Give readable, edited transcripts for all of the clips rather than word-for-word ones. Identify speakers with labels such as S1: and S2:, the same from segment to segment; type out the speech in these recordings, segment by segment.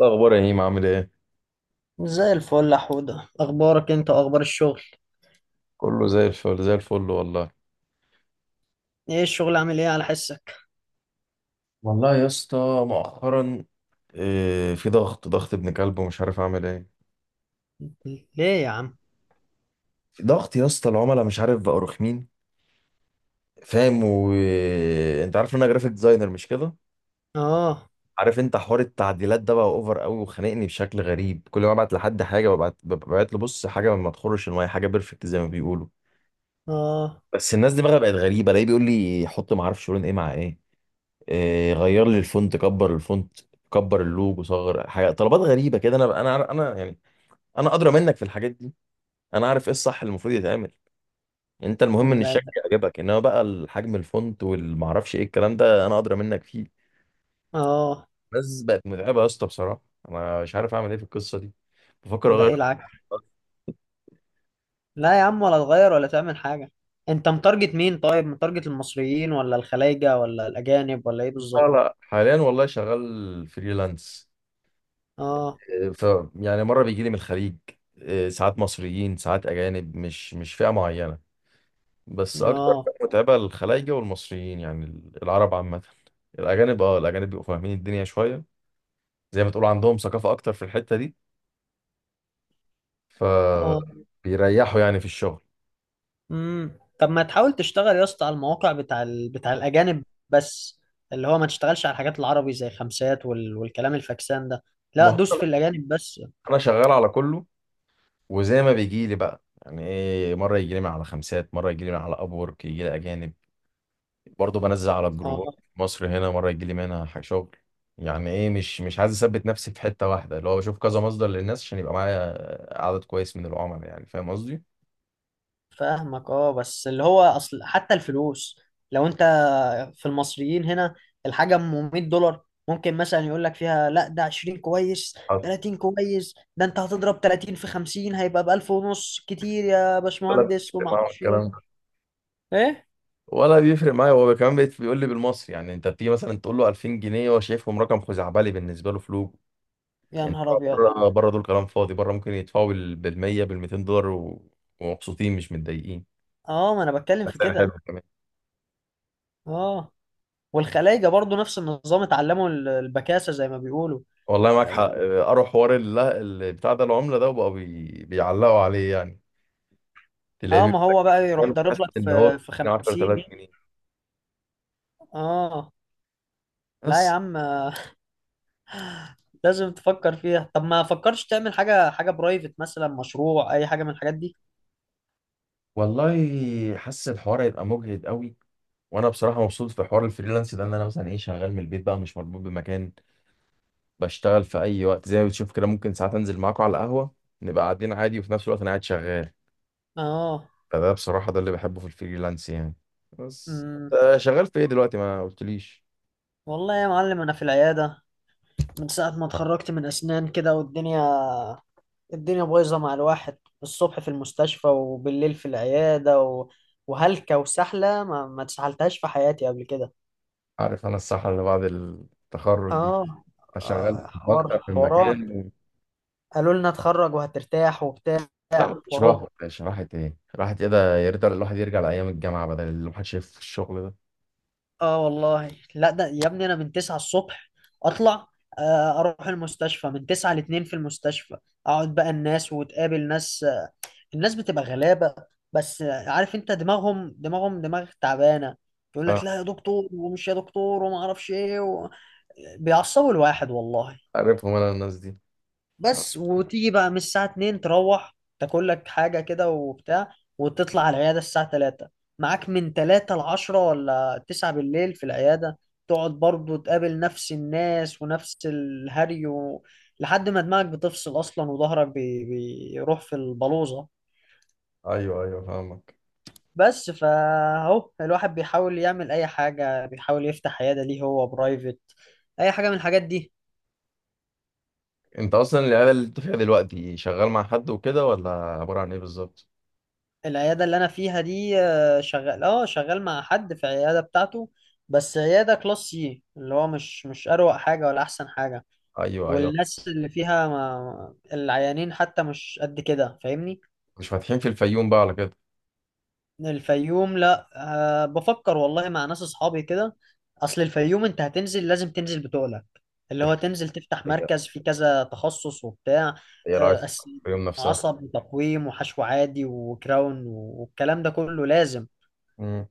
S1: إيه الأخبار يا هيم، عامل إيه؟
S2: زي الفل يا حودة، اخبارك انت واخبار الشغل.
S1: كله زي الفل زي الفل والله.
S2: ايه الشغل عامل ايه على حسك؟
S1: والله يا اسطى، مؤخرا إيه، في ضغط ابن كلب ومش عارف أعمل إيه.
S2: ليه يا عم؟
S1: في ضغط يا اسطى، العملاء مش عارف بقوا رخمين. فاهم؟ وأنت عارف إن أنا جرافيك ديزاينر، مش كده؟
S2: اه.
S1: عارف أنت حوار التعديلات ده بقى أوفر قوي وخانقني بشكل غريب. كل ما أبعت لحد حاجة ببعت له، بص، حاجة ما تخرش المية، حاجة بيرفكت زي ما بيقولوا.
S2: اه.
S1: بس الناس دي بقى بقت غريبة، الاقيه بيقول لي حط، ما أعرفش لون إيه مع إيه. إيه، غير لي الفونت، كبر الفونت، كبر اللوجو، صغر، حاجه طلبات غريبه كده. انا يعني، انا ادرى منك في الحاجات دي. انا عارف ايه الصح اللي المفروض يتعمل. انت المهم ان
S2: ده
S1: الشكل
S2: ده
S1: يعجبك، انما بقى الحجم، الفونت، والمعرفش ايه، الكلام ده انا ادرى منك فيه.
S2: اه.
S1: بس بقت متعبه يا اسطى بصراحه. انا مش عارف اعمل ايه في القصه دي. بفكر
S2: ده
S1: اغير.
S2: ايه العك؟ لا يا عم، ولا تغير ولا تعمل حاجة. انت متارجت مين؟ طيب متارجت المصريين ولا الخلايجة ولا الاجانب ولا ايه
S1: لا
S2: بالظبط؟
S1: لا، حاليا والله شغال فريلانس.
S2: اه.
S1: إيه، يعني مره بيجي لي من الخليج. إيه، ساعات مصريين، ساعات اجانب، مش فئه معينه. بس اكتر
S2: اه.
S1: فئة متعبة الخلايجة والمصريين، يعني العرب عامة. الاجانب، اه، الاجانب بيبقوا فاهمين الدنيا شوية، زي ما تقول عندهم ثقافة اكتر في الحتة دي،
S2: اه.
S1: فبيريحوا يعني في الشغل.
S2: طب ما تحاول تشتغل يا اسطى على المواقع بتاع الاجانب بس. اللي هو ما تشتغلش على الحاجات العربي زي خمسات والكلام الفاكسان ده.
S1: ما
S2: لا، دوس
S1: هو
S2: في الاجانب بس.
S1: انا شغال على كله، وزي ما بيجي لي بقى، يعني ايه، مرة يجي لي من على خمسات، مرة يجي لي من على ابورك، يجي لي اجانب. برضه بنزل على
S2: اه،
S1: الجروبات في مصر هنا، مرة يجي لي منها شغل. يعني ايه، مش عايز اثبت نفسي في حتة واحدة، اللي هو بشوف كذا مصدر للناس عشان يبقى معايا عدد كويس من العملاء، يعني فاهم قصدي؟
S2: فاهمك. اه، بس اللي هو اصل حتى الفلوس لو انت في المصريين هنا، الحاجه ام 100 دولار ممكن مثلا يقول لك فيها لا ده 20 كويس، 30 كويس. ده انت هتضرب 30 في 50 هيبقى ب 1000 ونص. كتير يا
S1: ولا
S2: باشمهندس وما
S1: بيفرق معاهم
S2: اعرفش
S1: الكلام
S2: ايه.
S1: ده،
S2: ايه؟
S1: ولا بيفرق معايا، هو كمان بيقول لي بالمصري، يعني انت بتيجي مثلا تقول له 2000 جنيه، هو شايفهم رقم خزعبلي، بالنسبه له فلوس.
S2: يا
S1: انت
S2: نهار ابيض.
S1: بره، بره دول كلام فاضي، بره ممكن يدفعوا بال 100، بال 200 دولار ومبسوطين، مش متضايقين،
S2: اه، ما انا بتكلم
S1: بس
S2: في
S1: سعر حلو
S2: كده.
S1: كمان.
S2: اه، والخلايجه برضو نفس النظام. اتعلموا البكاسه زي ما بيقولوا.
S1: والله معاك حق،
S2: اه.
S1: اه، قروا حوار بتاع ده، العمله ده، وبقوا بيعلقوا عليه يعني. تلاقيه بيقول
S2: ما
S1: لك،
S2: هو بقى يروح
S1: يعني حاسس
S2: ضارب لك
S1: ان
S2: في
S1: هو
S2: في
S1: 10000
S2: 50.
S1: جنيه
S2: اه. لا يا
S1: بس.
S2: عم، لازم تفكر فيها. طب ما فكرش تعمل حاجة، حاجة برايفت مثلا، مشروع، أي حاجة من الحاجات دي.
S1: والله حاسس الحوار هيبقى مجهد قوي، وانا بصراحه مبسوط في حوار الفريلانس ده، ان انا مثلا ايه، شغال من البيت بقى، مش مربوط بمكان. بشتغل في اي وقت زي ما بتشوف كده، ممكن ساعات انزل معاكم على القهوه، نبقى قاعدين عادي، وفي نفس الوقت انا قاعد شغال.
S2: اه.
S1: فده بصراحه، ده اللي بحبه في الفريلانس يعني. بس
S2: امم
S1: آه، شغال في ايه دلوقتي ما قلتليش.
S2: والله يا معلم أنا في العيادة. من ساعة ما اتخرجت من أسنان كده، والدنيا، الدنيا بايظة مع الواحد. الصبح في المستشفى وبالليل في العيادة. وهلكة وسحلة ما اتسحلتهاش في حياتي قبل كده.
S1: عارف انا الصحة اللي بعد التخرج دي،
S2: اه.
S1: فشغال في
S2: حوار
S1: اكتر من
S2: حوارات.
S1: مكان و...
S2: قالوا لنا اتخرج وهترتاح وبتاع.
S1: لا مفيش راحه
S2: وأهو،
S1: يا باشا، راحه ايه، راحه ايه؟ ده يا ريت الواحد يرجع لايام الجامعه، بدل اللي الواحد شايف في الشغل ده.
S2: اه والله. لا ده يا ابني انا من 9 الصبح اطلع. اروح المستشفى من 9 ل 2. في المستشفى اقعد بقى الناس، وتقابل ناس. الناس بتبقى غلابة. بس عارف انت، دماغهم دماغ تعبانة. يقول لك
S1: آه،
S2: لا يا دكتور، ومش يا دكتور، وما اعرفش ايه. بيعصبوا الواحد والله.
S1: عارفهم انا الناس دي. آه،
S2: بس وتيجي بقى من الساعة 2 تروح تاكل لك حاجة كده وبتاع، وتطلع على العيادة الساعة 3. معاك من 3 ل 10 ولا 9 بالليل في العيادة. تقعد برضو تقابل نفس الناس ونفس الهري. لحد ما دماغك بتفصل أصلا، وظهرك بيروح في البلوزة.
S1: ايوه ايوه، فاهمك.
S2: بس فاهو الواحد بيحاول يعمل أي حاجة، بيحاول يفتح عيادة ليه هو برايفت، أي حاجة من الحاجات دي.
S1: انت اصلا العياده اللي انت فيها دلوقتي شغال مع حد وكده، ولا عباره عن ايه بالظبط؟
S2: العيادة اللي أنا فيها دي شغال، اه شغال مع حد في العيادة بتاعته. بس عيادة كلاس سي، اللي هو مش أروق حاجة ولا أحسن حاجة.
S1: ايوه ايوه.
S2: والناس اللي فيها، ما العيانين حتى مش قد كده، فاهمني.
S1: مش فاتحين في الفيوم بقى على كده؟
S2: الفيوم؟ لا، أه بفكر والله مع ناس أصحابي كده. أصل الفيوم أنت هتنزل، لازم تنزل بتقلك اللي
S1: دي
S2: هو تنزل تفتح
S1: حاجه،
S2: مركز فيه كذا تخصص وبتاع.
S1: هي عايز
S2: آه، أس-
S1: الفيوم نفسها.
S2: عصب وتقويم وحشو عادي وكراون، والكلام ده كله لازم.
S1: امم.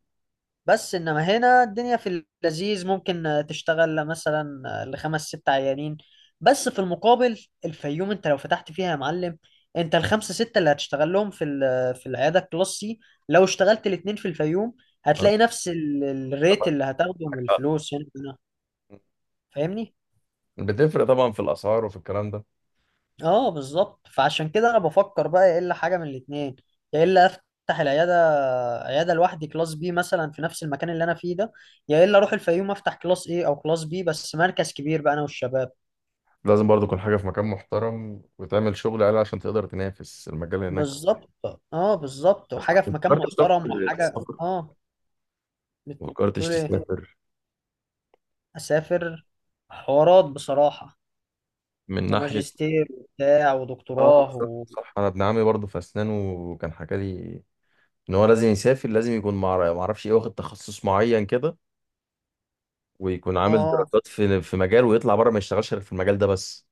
S2: بس انما هنا الدنيا في اللذيذ ممكن تشتغل مثلا لخمس ست عيانين بس. في المقابل الفيوم انت لو فتحت فيها يا معلم، انت الخمسه سته اللي هتشتغل لهم في في العياده الكلاس سي، لو اشتغلت الاتنين في الفيوم هتلاقي نفس الريت اللي هتاخده من الفلوس يعني. فاهمني؟
S1: بتفرق طبعا في الاسعار وفي الكلام ده.
S2: اه بالظبط. فعشان كده انا بفكر بقى، يا الا حاجه من الاتنين: يا الا افتح العياده، عياده لوحدي كلاس بي مثلا في نفس المكان اللي انا فيه ده، يا الا اروح الفيوم افتح كلاس ايه او كلاس بي، بس مركز كبير بقى انا والشباب.
S1: لازم برضو تكون حاجه في مكان محترم وتعمل شغل عالي عشان تقدر تنافس المجال هناك.
S2: بالظبط، اه بالظبط،
S1: بس
S2: وحاجه في مكان
S1: فكرت
S2: محترم
S1: تسافر،
S2: وحاجه
S1: تسافر؟
S2: اه.
S1: فكرتش
S2: بتقول ايه؟
S1: تسافر؟
S2: اسافر؟ حوارات بصراحه،
S1: من ناحيه.
S2: وماجستير وبتاع
S1: اه
S2: ودكتوراه
S1: صح.
S2: و...
S1: صح. انا ابن عمي برضو في اسنان، وكان حكى لي ان هو لازم يسافر، لازم يكون مع، ما اعرفش ايه، واخد تخصص معين كده، ويكون عامل
S2: اه.
S1: دراسات في مجال، ويطلع بره ما يشتغلش غير في المجال ده بس.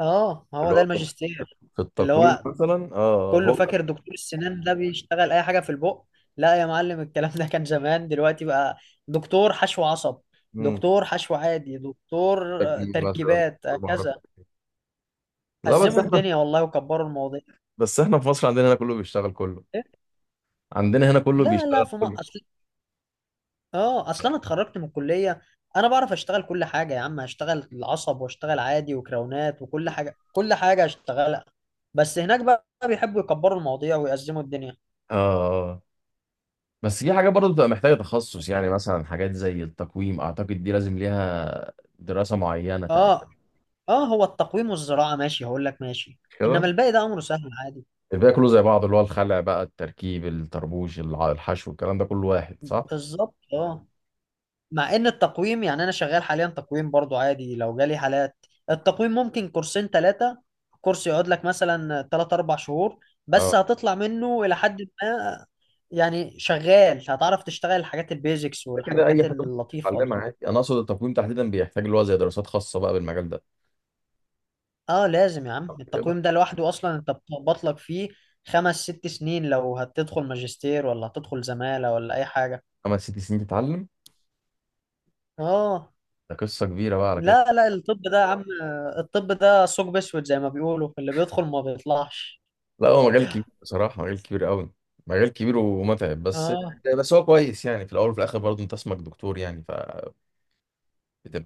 S2: اه ما هو
S1: اللي
S2: ده
S1: هو في
S2: الماجستير. اللي
S1: التقويم
S2: هو
S1: مثلا، اه، آه،
S2: كله
S1: هو ده.
S2: فاكر دكتور السنان ده بيشتغل اي حاجه في البق. لا يا معلم، الكلام ده كان زمان. دلوقتي بقى دكتور حشو عصب،
S1: مم.
S2: دكتور حشو عادي، دكتور
S1: تكوين مثلا
S2: تركيبات،
S1: دكتور معرفة.
S2: كذا.
S1: لا
S2: أزموا الدنيا والله، وكبروا المواضيع.
S1: بس احنا في مصر عندنا هنا كله بيشتغل كله.
S2: إيه؟
S1: عندنا هنا كله
S2: لا لا،
S1: بيشتغل
S2: ما
S1: كله.
S2: اصل، اه اصل انا اتخرجت من الكليه، انا بعرف اشتغل كل حاجه يا عم. هشتغل العصب، واشتغل عادي، وكراونات، وكل حاجه، كل حاجه هشتغلها. بس هناك بقى بيحبوا يكبروا المواضيع ويأزموا الدنيا.
S1: اه آه. آه. بس في حاجات برضه بتبقى محتاجة تخصص، يعني مثلا حاجات زي التقويم، اعتقد دي لازم ليها دراسة معينة
S2: اه.
S1: تقريبا.
S2: اه، هو التقويم والزراعة ماشي، هقول لك ماشي.
S1: كده
S2: انما الباقي ده امره سهل عادي.
S1: الباقي كله زي بعض، اللي هو الخلع بقى، التركيب، الطربوش، الحشو، الكلام ده كله واحد، صح؟
S2: بالظبط، اه. مع ان التقويم يعني انا شغال حاليا تقويم برضو عادي، لو جالي حالات. التقويم ممكن كورسين ثلاثة. كورس يقعد لك مثلا ثلاث اربع شهور،
S1: اه.
S2: بس هتطلع منه الى حد ما. يعني شغال هتعرف تشتغل الحاجات البيزكس
S1: كده اي
S2: والحاجات
S1: حاجه ممكن
S2: اللطيفة
S1: تتعلمها
S2: دي.
S1: عادي، انا اقصد التقويم تحديدا بيحتاج اللي هو زي دراسات خاصه بقى بالمجال ده.
S2: اه لازم يا عم،
S1: كده
S2: التقويم ده لوحده اصلا انت بتخبط لك فيه خمس ست سنين، لو هتدخل ماجستير ولا هتدخل زمالة ولا اي حاجة.
S1: 5 6 سنين تتعلم.
S2: اه.
S1: ده قصه كبيره بقى على كده.
S2: لا لا، الطب ده يا عم، الطب ده ثقب اسود زي ما بيقولوا، اللي بيدخل ما بيطلعش.
S1: لا هو مجال كبير بصراحه، مجال كبير قوي، مجال كبير ومتعب بس.
S2: اه.
S1: بس هو كويس يعني، في الاول وفي الاخر برضه انت اسمك دكتور، يعني فبتبقى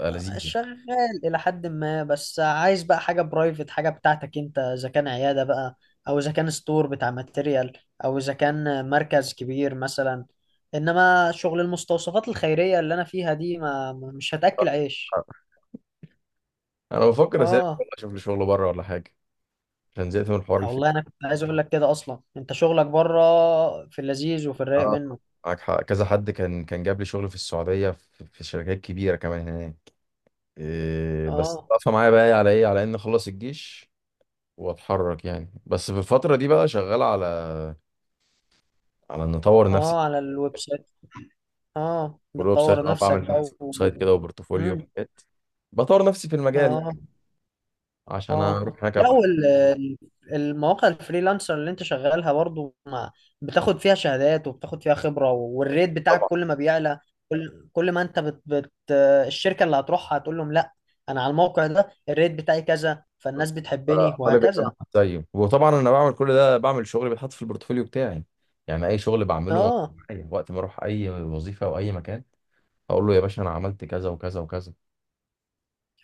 S1: لذيذه.
S2: شغال الى حد ما، بس عايز بقى حاجه برايفت، حاجه بتاعتك انت، اذا كان عياده بقى، او اذا كان ستور بتاع ماتيريال، او اذا كان مركز كبير مثلا. انما شغل المستوصفات الخيريه اللي انا فيها دي، مش هتاكل عيش.
S1: انا بفكر اسافر
S2: اه
S1: والله، اشوف لي شغل بره ولا حاجه، عشان زهقت من الحوار الفكري.
S2: والله، انا كنت عايز اقول لك كده اصلا، انت شغلك بره في اللذيذ وفي الرايق
S1: اه
S2: منه.
S1: معاك حق. كذا حد كان جاب لي شغل في السعوديه، في شركات كبيره كمان هناك. إيه بس
S2: اه.
S1: واقفه معايا بقى على ايه، على ان اخلص الجيش واتحرك يعني. بس في الفتره دي بقى شغال على، على ان اطور نفسي.
S2: اه، على الويب سايت. اه،
S1: والويب سايت،
S2: بتطور
S1: اه،
S2: نفسك
S1: بعمل ويب
S2: بقى.
S1: سايت كده، وبورتفوليو،
S2: مم.
S1: وحاجات. بطور نفسي في المجال يعني،
S2: اه.
S1: عشان
S2: اه.
S1: اروح هناك
S2: لا،
S1: ابقى
S2: والمواقع الفريلانسر اللي انت شغالها برضو ما بتاخد فيها شهادات، وبتاخد فيها خبرة، والريت بتاعك
S1: طبعا
S2: كل ما بيعلى. كل ما انت الشركة اللي هتروحها هتقول لهم لا، انا على الموقع ده الريت بتاعي كذا، فالناس بتحبني
S1: طالب ان انا
S2: وهكذا.
S1: أبقى زيه. وطبعا انا بعمل كل ده، بعمل شغل بيتحط في البورتفوليو بتاعي. يعني اي شغل بعمله موجود
S2: اه.
S1: معايا وقت ما اروح اي وظيفه او اي مكان، اقول له يا باشا انا عملت كذا وكذا وكذا.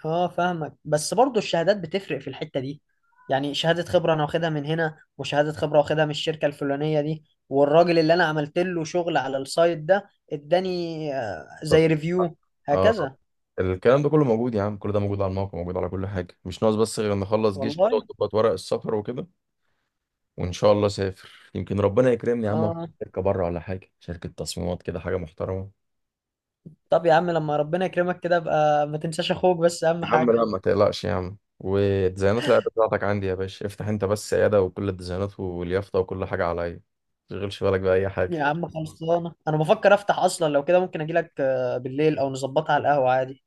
S2: اه فاهمك، بس برضو الشهادات بتفرق في الحتة دي. يعني شهادة خبرة انا واخدها من هنا، وشهادة خبرة واخدها من الشركة الفلانية دي، والراجل اللي انا عملت له شغل على السايت ده اداني
S1: طب
S2: زي ريفيو،
S1: اه،
S2: هكذا.
S1: الكلام ده كله موجود يا عم، كل ده موجود على الموقع، موجود على كل حاجه، مش ناقص بس غير ان اخلص جيش،
S2: والله.
S1: وتقعد تظبط ورق السفر وكده. وان شاء الله سافر، يمكن ربنا يكرمني يا عم في
S2: اه.
S1: شركه بره ولا حاجه، شركه تصميمات كده حاجه محترمه.
S2: طب يا عم لما ربنا يكرمك كده بقى ما تنساش اخوك، بس اهم
S1: يا عم
S2: حاجة.
S1: لا ما تقلقش يا عم، والديزاينات العياده بتاعتك عندي يا باشا، افتح انت بس عياده، وكل الديزاينات واليافطه وكل حاجه عليا، ما تشغلش بالك باي
S2: يا
S1: حاجه.
S2: عم خلصانة، انا بفكر افتح اصلا. لو كده ممكن اجيلك بالليل او نظبطها على القهوة عادي.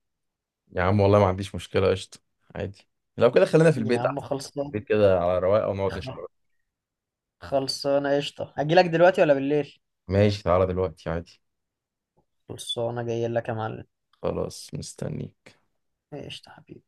S1: يا عم والله ما عنديش مشكله، قشطه، عادي. لو كده خلينا في
S2: يا
S1: البيت
S2: عم
S1: احسن.
S2: خلصانة.
S1: البيت كده على رواقه ونقعد نشتغل.
S2: خلصانة قشطة، اجيلك دلوقتي ولا بالليل؟
S1: ماشي تعالى دلوقتي عادي.
S2: خلصانة، جاي لك يا معلم.
S1: خلاص مستني.
S2: ايش حبيبي.